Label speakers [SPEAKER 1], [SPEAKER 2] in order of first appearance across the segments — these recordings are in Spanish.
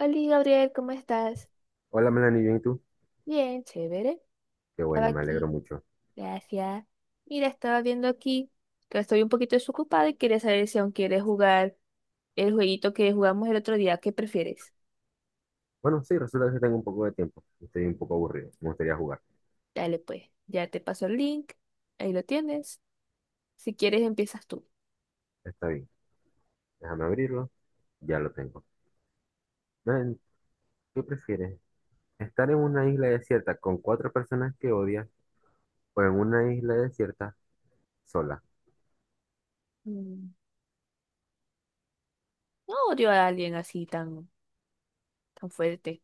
[SPEAKER 1] Hola Gabriel, ¿cómo estás?
[SPEAKER 2] Hola Melanie, ¿bien y tú?
[SPEAKER 1] Bien, chévere.
[SPEAKER 2] Qué
[SPEAKER 1] Estaba
[SPEAKER 2] bueno, me
[SPEAKER 1] aquí.
[SPEAKER 2] alegro mucho.
[SPEAKER 1] Gracias. Mira, estaba viendo aquí que estoy un poquito desocupada y quería saber si aún quieres jugar el jueguito que jugamos el otro día. ¿Qué prefieres?
[SPEAKER 2] Bueno, sí, resulta que sí tengo un poco de tiempo. Estoy un poco aburrido. Me gustaría jugar.
[SPEAKER 1] Dale pues, ya te paso el link. Ahí lo tienes. Si quieres, empiezas tú.
[SPEAKER 2] Está bien. Déjame abrirlo. Ya lo tengo. Melanie, ¿qué prefieres? ¿Estar en una isla desierta con cuatro personas que odias o en una isla desierta sola?
[SPEAKER 1] Mm, No odio a alguien así tan fuerte.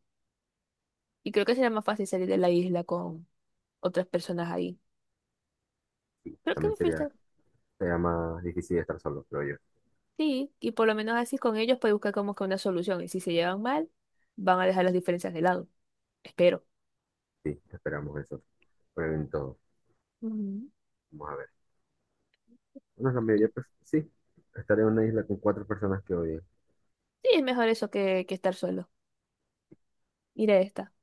[SPEAKER 1] Y creo que será más fácil salir de la isla con otras personas ahí.
[SPEAKER 2] Sí,
[SPEAKER 1] Creo que
[SPEAKER 2] también
[SPEAKER 1] me falta.
[SPEAKER 2] sería más difícil estar solo, creo yo.
[SPEAKER 1] Sí, y por lo menos así con ellos puedes buscar como que una solución. Y si se llevan mal, van a dejar las diferencias de lado. Espero.
[SPEAKER 2] Sí, esperamos eso. Prueben todo.
[SPEAKER 1] Ujú.
[SPEAKER 2] Vamos a ver. Bueno, la
[SPEAKER 1] Mm.
[SPEAKER 2] mayoría, pues, sí. Estar en una isla con cuatro personas que odias.
[SPEAKER 1] Sí, es mejor eso que estar solo. Mira esta.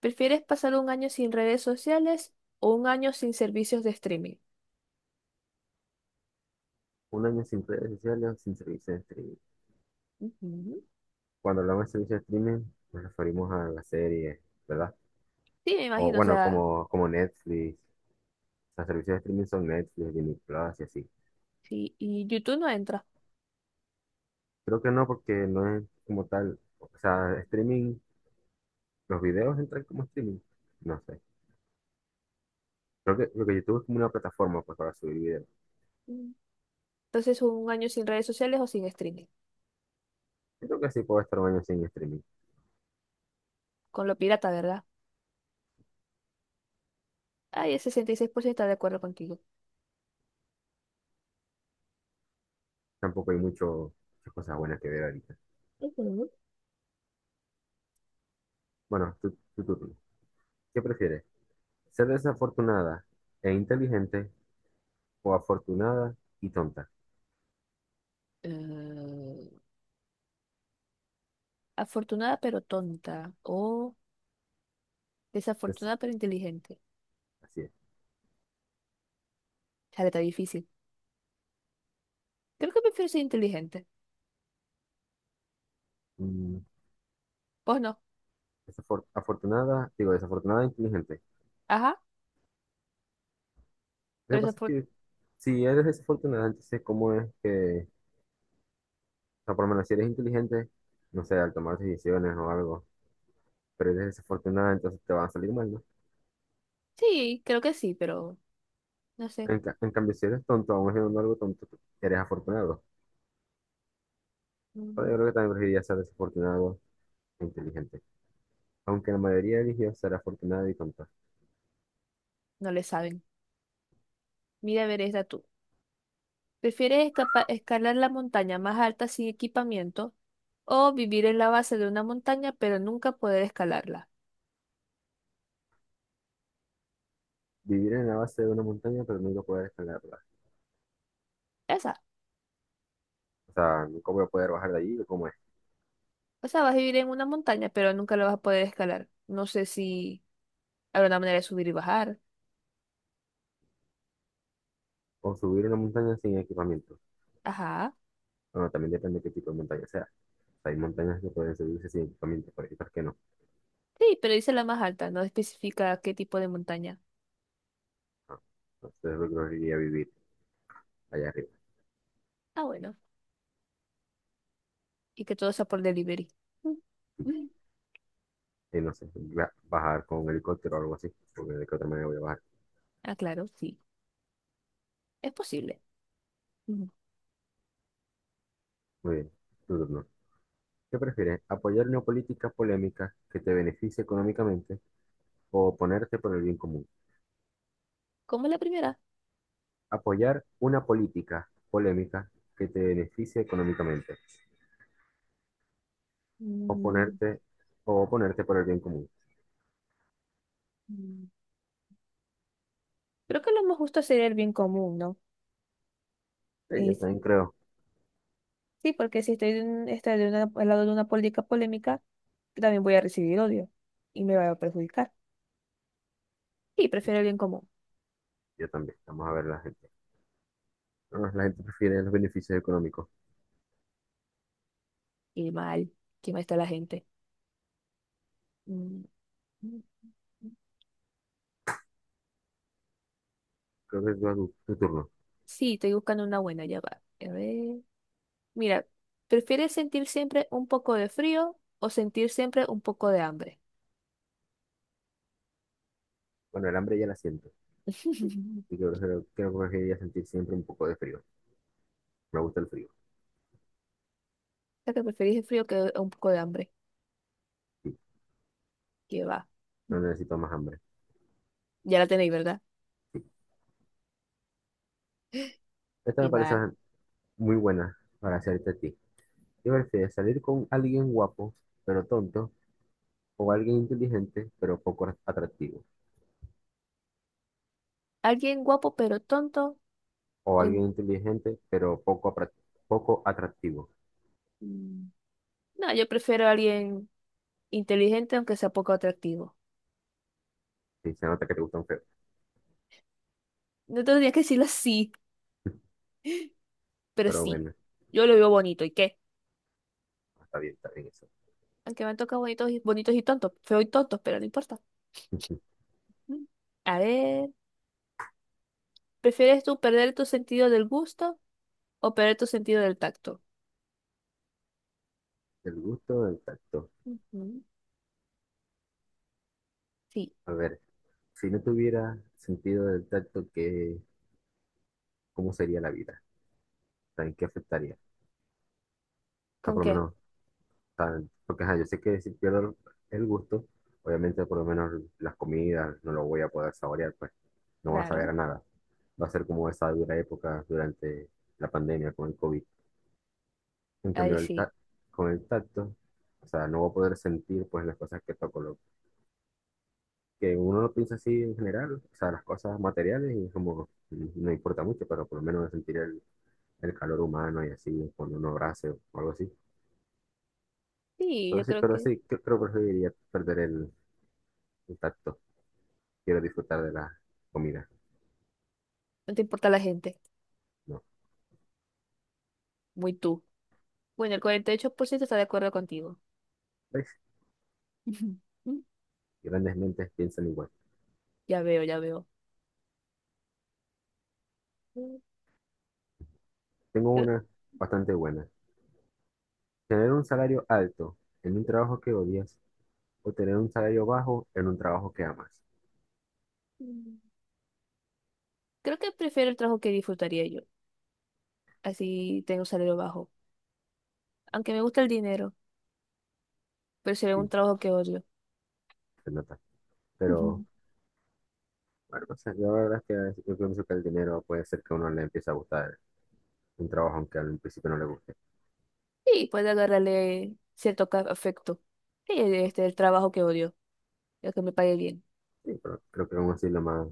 [SPEAKER 1] ¿Prefieres pasar un año sin redes sociales o un año sin servicios de streaming?
[SPEAKER 2] Un año sin redes sociales, sin servicios
[SPEAKER 1] Ujú.
[SPEAKER 2] Cuando hablamos de servicio de streaming, nos referimos a las series, ¿verdad?
[SPEAKER 1] Sí, me
[SPEAKER 2] O
[SPEAKER 1] imagino, o
[SPEAKER 2] bueno,
[SPEAKER 1] sea,
[SPEAKER 2] como Netflix. Los servicios de streaming son Netflix, Disney Plus y así.
[SPEAKER 1] sí, y YouTube no entra.
[SPEAKER 2] Creo que no, porque no es como tal. O sea, streaming, los videos entran como streaming. No sé. Creo que YouTube es como una plataforma pues, para subir videos.
[SPEAKER 1] Mm. Entonces, un año sin redes sociales o sin streaming.
[SPEAKER 2] Yo creo que sí puedo estar un año sin streaming.
[SPEAKER 1] Con lo pirata, ¿verdad? Ay, el 66% está de acuerdo contigo.
[SPEAKER 2] Tampoco hay muchas cosas buenas que ver ahorita.
[SPEAKER 1] Ujú.
[SPEAKER 2] Bueno, tú, tú, tú, tú. ¿Qué prefieres? ¿Ser desafortunada e inteligente o afortunada y tonta?
[SPEAKER 1] Eh, Afortunada pero tonta. O
[SPEAKER 2] Es-
[SPEAKER 1] desafortunada pero inteligente.
[SPEAKER 2] así es.
[SPEAKER 1] Chale, está difícil. Creo que prefiero ser inteligente.
[SPEAKER 2] Mm,
[SPEAKER 1] Pues no.
[SPEAKER 2] afortunada, digo, desafortunada e inteligente.
[SPEAKER 1] Ajá.
[SPEAKER 2] Lo
[SPEAKER 1] Pero
[SPEAKER 2] que pasa es
[SPEAKER 1] desafor-
[SPEAKER 2] que si eres desafortunada, entonces, ¿cómo es que, o sea, por lo menos si eres inteligente, no sé, al tomar decisiones o algo, pero eres desafortunada, entonces te van a salir mal, ¿no?
[SPEAKER 1] Sí, creo que sí, pero no sé.
[SPEAKER 2] En cambio, si eres tonto, aún haciendo algo tonto, tú eres afortunado. Pero yo
[SPEAKER 1] Mm,
[SPEAKER 2] creo que también preferiría ser desafortunado e inteligente. Aunque la mayoría eligió ser afortunado y tonto.
[SPEAKER 1] No le saben. Mira, a ver, esta tú. ¿Prefieres escalar la montaña más alta sin equipamiento o vivir en la base de una montaña pero nunca poder escalarla?
[SPEAKER 2] Vivir en la base de una montaña, pero nunca poder escalarla.
[SPEAKER 1] Esa.
[SPEAKER 2] O sea, nunca voy a poder bajar de allí, o ¿cómo es?
[SPEAKER 1] O sea, vas a vivir en una montaña pero nunca la vas a poder escalar. No sé si habrá una manera de subir y bajar.
[SPEAKER 2] O subir una montaña sin equipamiento.
[SPEAKER 1] Ajá.
[SPEAKER 2] Bueno, también depende de qué tipo de montaña sea. O sea, hay montañas que pueden subirse sin equipamiento, pero hay otras que no.
[SPEAKER 1] Sí, pero dice la más alta, no especifica qué tipo de montaña.
[SPEAKER 2] Ah, entonces yo creo a vivir allá arriba.
[SPEAKER 1] Ah, bueno. Y que todo sea por delivery. Mm. Mm.
[SPEAKER 2] Y no sé, bajar con un helicóptero o algo así, porque de qué otra manera voy a bajar.
[SPEAKER 1] Ah, claro, sí, es posible. Mm.
[SPEAKER 2] Muy bien, tu turno. ¿Qué prefieres? ¿Apoyar una política polémica que te beneficie económicamente o oponerte por el bien común?
[SPEAKER 1] Como la primera.
[SPEAKER 2] Apoyar una política polémica que te beneficie económicamente.
[SPEAKER 1] Mm,
[SPEAKER 2] Oponerte o oponerte por el bien común.
[SPEAKER 1] mm. Creo que lo más justo sería el bien común, ¿no?
[SPEAKER 2] Sí, yo
[SPEAKER 1] Es,
[SPEAKER 2] también creo.
[SPEAKER 1] sí, porque si estoy, de un- estoy de una- al lado de una política polémica, también voy a recibir odio y me va a perjudicar. Y prefiero el bien común.
[SPEAKER 2] Yo también. Vamos a ver la gente. No, la gente prefiere los beneficios económicos.
[SPEAKER 1] Y mal, quién mal está la gente. Mm, mm, mm.
[SPEAKER 2] Creo que es tu turno.
[SPEAKER 1] Sí, estoy buscando una buena, ya va. A ver. Mira, ¿prefieres sentir siempre un poco de frío o sentir siempre un poco de hambre?
[SPEAKER 2] Bueno, el hambre ya la siento. Y
[SPEAKER 1] O
[SPEAKER 2] creo que preferiría sentir siempre un poco de frío. Me gusta el frío.
[SPEAKER 1] sea, que preferís el frío que un poco de hambre.
[SPEAKER 2] Sí,
[SPEAKER 1] Que va.
[SPEAKER 2] no
[SPEAKER 1] Mm.
[SPEAKER 2] necesito más hambre.
[SPEAKER 1] Ya la tenéis, ¿verdad?
[SPEAKER 2] Sí. Esta
[SPEAKER 1] Y
[SPEAKER 2] me parece
[SPEAKER 1] va.
[SPEAKER 2] muy buena para hacerte a ti. ¿Qué prefieres, salir con alguien guapo, pero tonto? ¿O alguien inteligente, pero poco atractivo?
[SPEAKER 1] ¿Alguien guapo pero tonto?
[SPEAKER 2] ¿O
[SPEAKER 1] O in-
[SPEAKER 2] alguien inteligente, pero poco atractivo?
[SPEAKER 1] Mm. No, yo prefiero a alguien inteligente aunque sea poco atractivo.
[SPEAKER 2] Sí, se nota que te gustan feo.
[SPEAKER 1] No tendría que decirlo así, pero
[SPEAKER 2] Pero
[SPEAKER 1] sí.
[SPEAKER 2] bueno,
[SPEAKER 1] Yo lo veo bonito, ¿y qué?
[SPEAKER 2] está bien eso.
[SPEAKER 1] Aunque me han tocado bonitos y tontos, feo y tontos, pero no importa. Mm. A ver, ¿prefieres tú perder tu sentido del gusto o perder tu sentido del tacto?
[SPEAKER 2] El gusto del tacto.
[SPEAKER 1] Ujú. Sí,
[SPEAKER 2] A ver. Si no tuviera sentido del tacto, ¿cómo sería la vida? O ¿En qué afectaría? O sea,
[SPEAKER 1] ¿con
[SPEAKER 2] por lo
[SPEAKER 1] qué?
[SPEAKER 2] menos, o sea, porque ajá, yo sé que si pierdo el gusto, obviamente por lo menos las comidas no lo voy a poder saborear, pues no va a saber
[SPEAKER 1] Claro,
[SPEAKER 2] a nada. Va a ser como esa dura época durante la pandemia con el COVID. En
[SPEAKER 1] ahí
[SPEAKER 2] cambio,
[SPEAKER 1] sí.
[SPEAKER 2] con el tacto, o sea, no voy a poder sentir pues las cosas que toco. Lo que uno lo piensa así en general, o sea, las cosas materiales y es como no importa mucho, pero por lo menos sentir el calor humano y así, cuando uno abrace o algo así.
[SPEAKER 1] Sí,
[SPEAKER 2] Pero
[SPEAKER 1] yo
[SPEAKER 2] sí,
[SPEAKER 1] creo
[SPEAKER 2] pero
[SPEAKER 1] que.
[SPEAKER 2] sí, creo que preferiría perder el tacto. Quiero disfrutar de la comida.
[SPEAKER 1] No te importa la gente,
[SPEAKER 2] No,
[SPEAKER 1] muy tú. Bueno, el 48% está de acuerdo contigo.
[SPEAKER 2] ¿ves? Grandes mentes piensan igual.
[SPEAKER 1] Ya veo, ya veo.
[SPEAKER 2] Tengo
[SPEAKER 1] Creo,
[SPEAKER 2] una bastante buena. Tener un salario alto en un trabajo que odias o tener un salario bajo en un trabajo que amas.
[SPEAKER 1] creo que prefiero el trabajo que disfrutaría yo. Así tengo un salario bajo. Aunque me gusta el dinero, pero sería un
[SPEAKER 2] Sí,
[SPEAKER 1] trabajo que odio.
[SPEAKER 2] se nota.
[SPEAKER 1] Ujú.
[SPEAKER 2] Pero, bueno, no sé, yo la verdad es que yo pienso que el dinero puede ser que a uno le empiece a gustar un trabajo aunque al principio no le guste.
[SPEAKER 1] Sí, puede agarrarle cierto afecto. Sí, este es el trabajo que odio, el que me pague bien,
[SPEAKER 2] Sí, pero creo que aún así lo más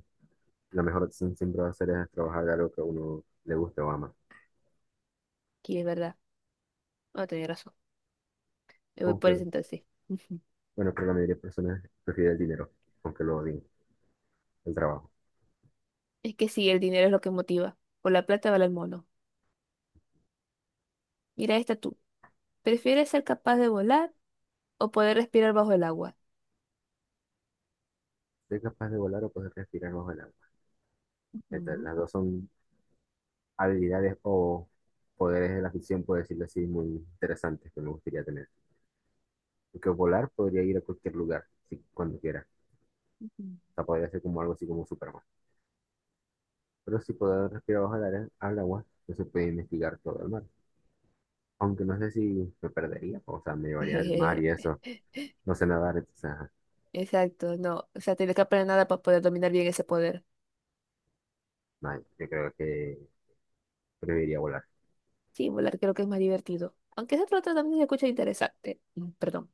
[SPEAKER 2] la mejor opción siempre va a ser es trabajar de algo que a uno le guste o ama.
[SPEAKER 1] que es verdad. No, tenía razón. Me voy por ese
[SPEAKER 2] Aunque,
[SPEAKER 1] entonces. Ujú.
[SPEAKER 2] bueno, pero la mayoría de personas prefieren el dinero, aunque lo odien, el trabajo.
[SPEAKER 1] Es que sí, el dinero es lo que motiva. Por la plata vale el mono. Mira esta tú. ¿Prefieres ser capaz de volar o poder respirar bajo el agua?
[SPEAKER 2] Ser capaz de volar o poder respirar bajo el agua.
[SPEAKER 1] Ujú,
[SPEAKER 2] Las dos son habilidades o poderes de la ficción, por decirlo así, muy interesantes que me gustaría tener. Porque volar podría ir a cualquier lugar, si, cuando quiera.
[SPEAKER 1] ujú.
[SPEAKER 2] O sea, podría ser como algo así como Superman. Pero si poder respirar bajo al agua, no se puede investigar todo el mar. Aunque no sé si me perdería, o sea, me llevaría al mar y eso. No sé nadar, entonces, ajá.
[SPEAKER 1] Exacto, no. O sea, tienes que aprender nada para poder dominar bien ese poder.
[SPEAKER 2] No, yo creo que preferiría volar.
[SPEAKER 1] Sí, volar creo que es más divertido. Aunque ese otro también se escucha interesante. Perdón.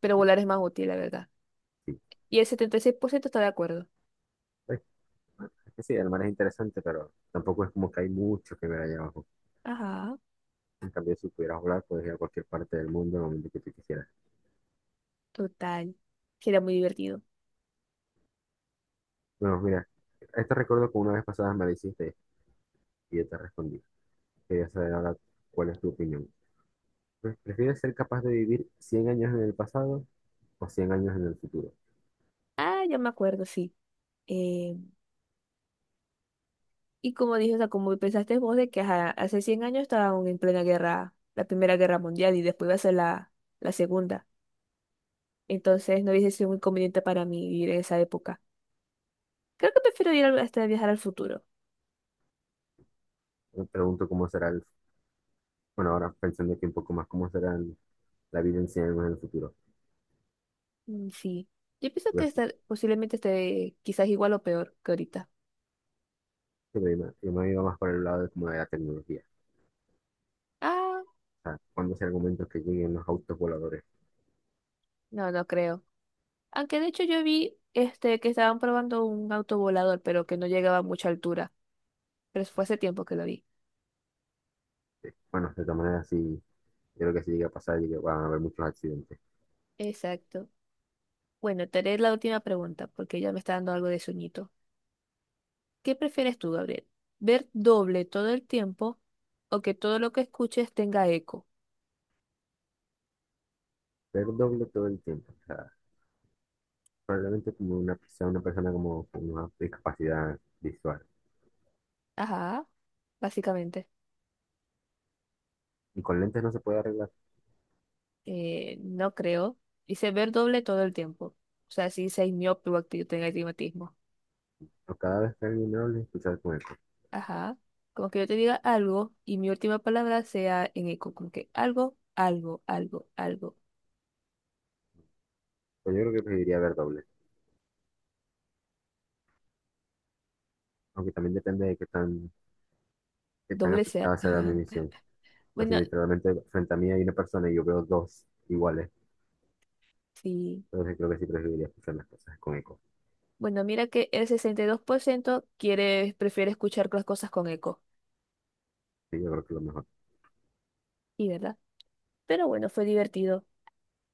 [SPEAKER 1] Pero volar es más útil, la verdad.
[SPEAKER 2] Sí,
[SPEAKER 1] Y el 76% está de acuerdo.
[SPEAKER 2] pues, es que sí, el mar es interesante, pero tampoco es como que hay mucho que ver allá abajo.
[SPEAKER 1] Ajá,
[SPEAKER 2] En cambio, si pudieras volar, puedes ir a cualquier parte del mundo en el momento que tú quisieras.
[SPEAKER 1] total. Sería muy divertido.
[SPEAKER 2] Bueno, mira, este recuerdo que una vez pasada me lo hiciste y yo te respondí. Quería saber ahora cuál es tu opinión. Pues, ¿prefieres ser capaz de vivir 100 años en el pasado o 100 años en el futuro?
[SPEAKER 1] Ah, ya me acuerdo, sí. Eh, y como dije, o sea, como pensaste vos de que ajá, hace 100 años estaban en plena guerra, la Primera Guerra Mundial y después iba a ser la Segunda. Entonces no hubiese sido muy conveniente para mí vivir en esa época. Creo que prefiero ir hasta viajar al futuro.
[SPEAKER 2] Me pregunto cómo será. Bueno, ahora pensando aquí un poco más, ¿cómo será la vida en 100 años en el futuro?
[SPEAKER 1] Sí. Yo pienso que
[SPEAKER 2] Pues,
[SPEAKER 1] estar, posiblemente esté quizás igual o peor que ahorita.
[SPEAKER 2] yo me iba más por el lado de, como de la tecnología
[SPEAKER 1] Ah,
[SPEAKER 2] sea, cuando ese argumento que lleguen los autos voladores.
[SPEAKER 1] no, no creo. Aunque de hecho yo vi este que estaban probando un auto volador, pero que no llegaba a mucha altura. Pero eso fue hace tiempo que lo vi.
[SPEAKER 2] Bueno, de todas maneras, sí, yo creo que si llega a pasar, van a haber muchos accidentes.
[SPEAKER 1] Exacto. Bueno, te haré la última pregunta, porque ya me está dando algo de sueñito. ¿Qué prefieres tú, Gabriel? ¿Ver doble todo el tiempo o que todo lo que escuches tenga eco?
[SPEAKER 2] Pero doble todo el tiempo. O sea, probablemente como una, sea una persona como con una discapacidad visual.
[SPEAKER 1] Ajá, básicamente.
[SPEAKER 2] Y con lentes no se puede arreglar.
[SPEAKER 1] No creo. Dice ver doble todo el tiempo. O sea, si dice miope o tenga astigmatismo.
[SPEAKER 2] O cada vez que alguien hable, escuchar con eco.
[SPEAKER 1] Ajá. Como que yo te diga algo y mi última palabra sea en eco. Como que algo, algo, algo, algo.
[SPEAKER 2] Pues yo creo que preferiría ver doble. Aunque también depende de qué tan
[SPEAKER 1] Doble sea.
[SPEAKER 2] afectada será mi visión. Pues si
[SPEAKER 1] Bueno,
[SPEAKER 2] literalmente frente a mí hay una persona y yo veo dos iguales,
[SPEAKER 1] sí.
[SPEAKER 2] entonces creo que sí preferiría escuchar las cosas con eco.
[SPEAKER 1] Bueno, mira que el 62% prefiere escuchar las cosas con eco.
[SPEAKER 2] Sí, yo creo que es lo mejor.
[SPEAKER 1] Y verdad. Pero bueno, fue divertido.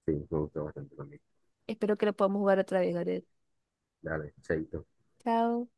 [SPEAKER 2] Sí, me gustó bastante también.
[SPEAKER 1] Espero que lo podamos jugar otra vez, Gareth.
[SPEAKER 2] Dale, chaito.
[SPEAKER 1] Chao.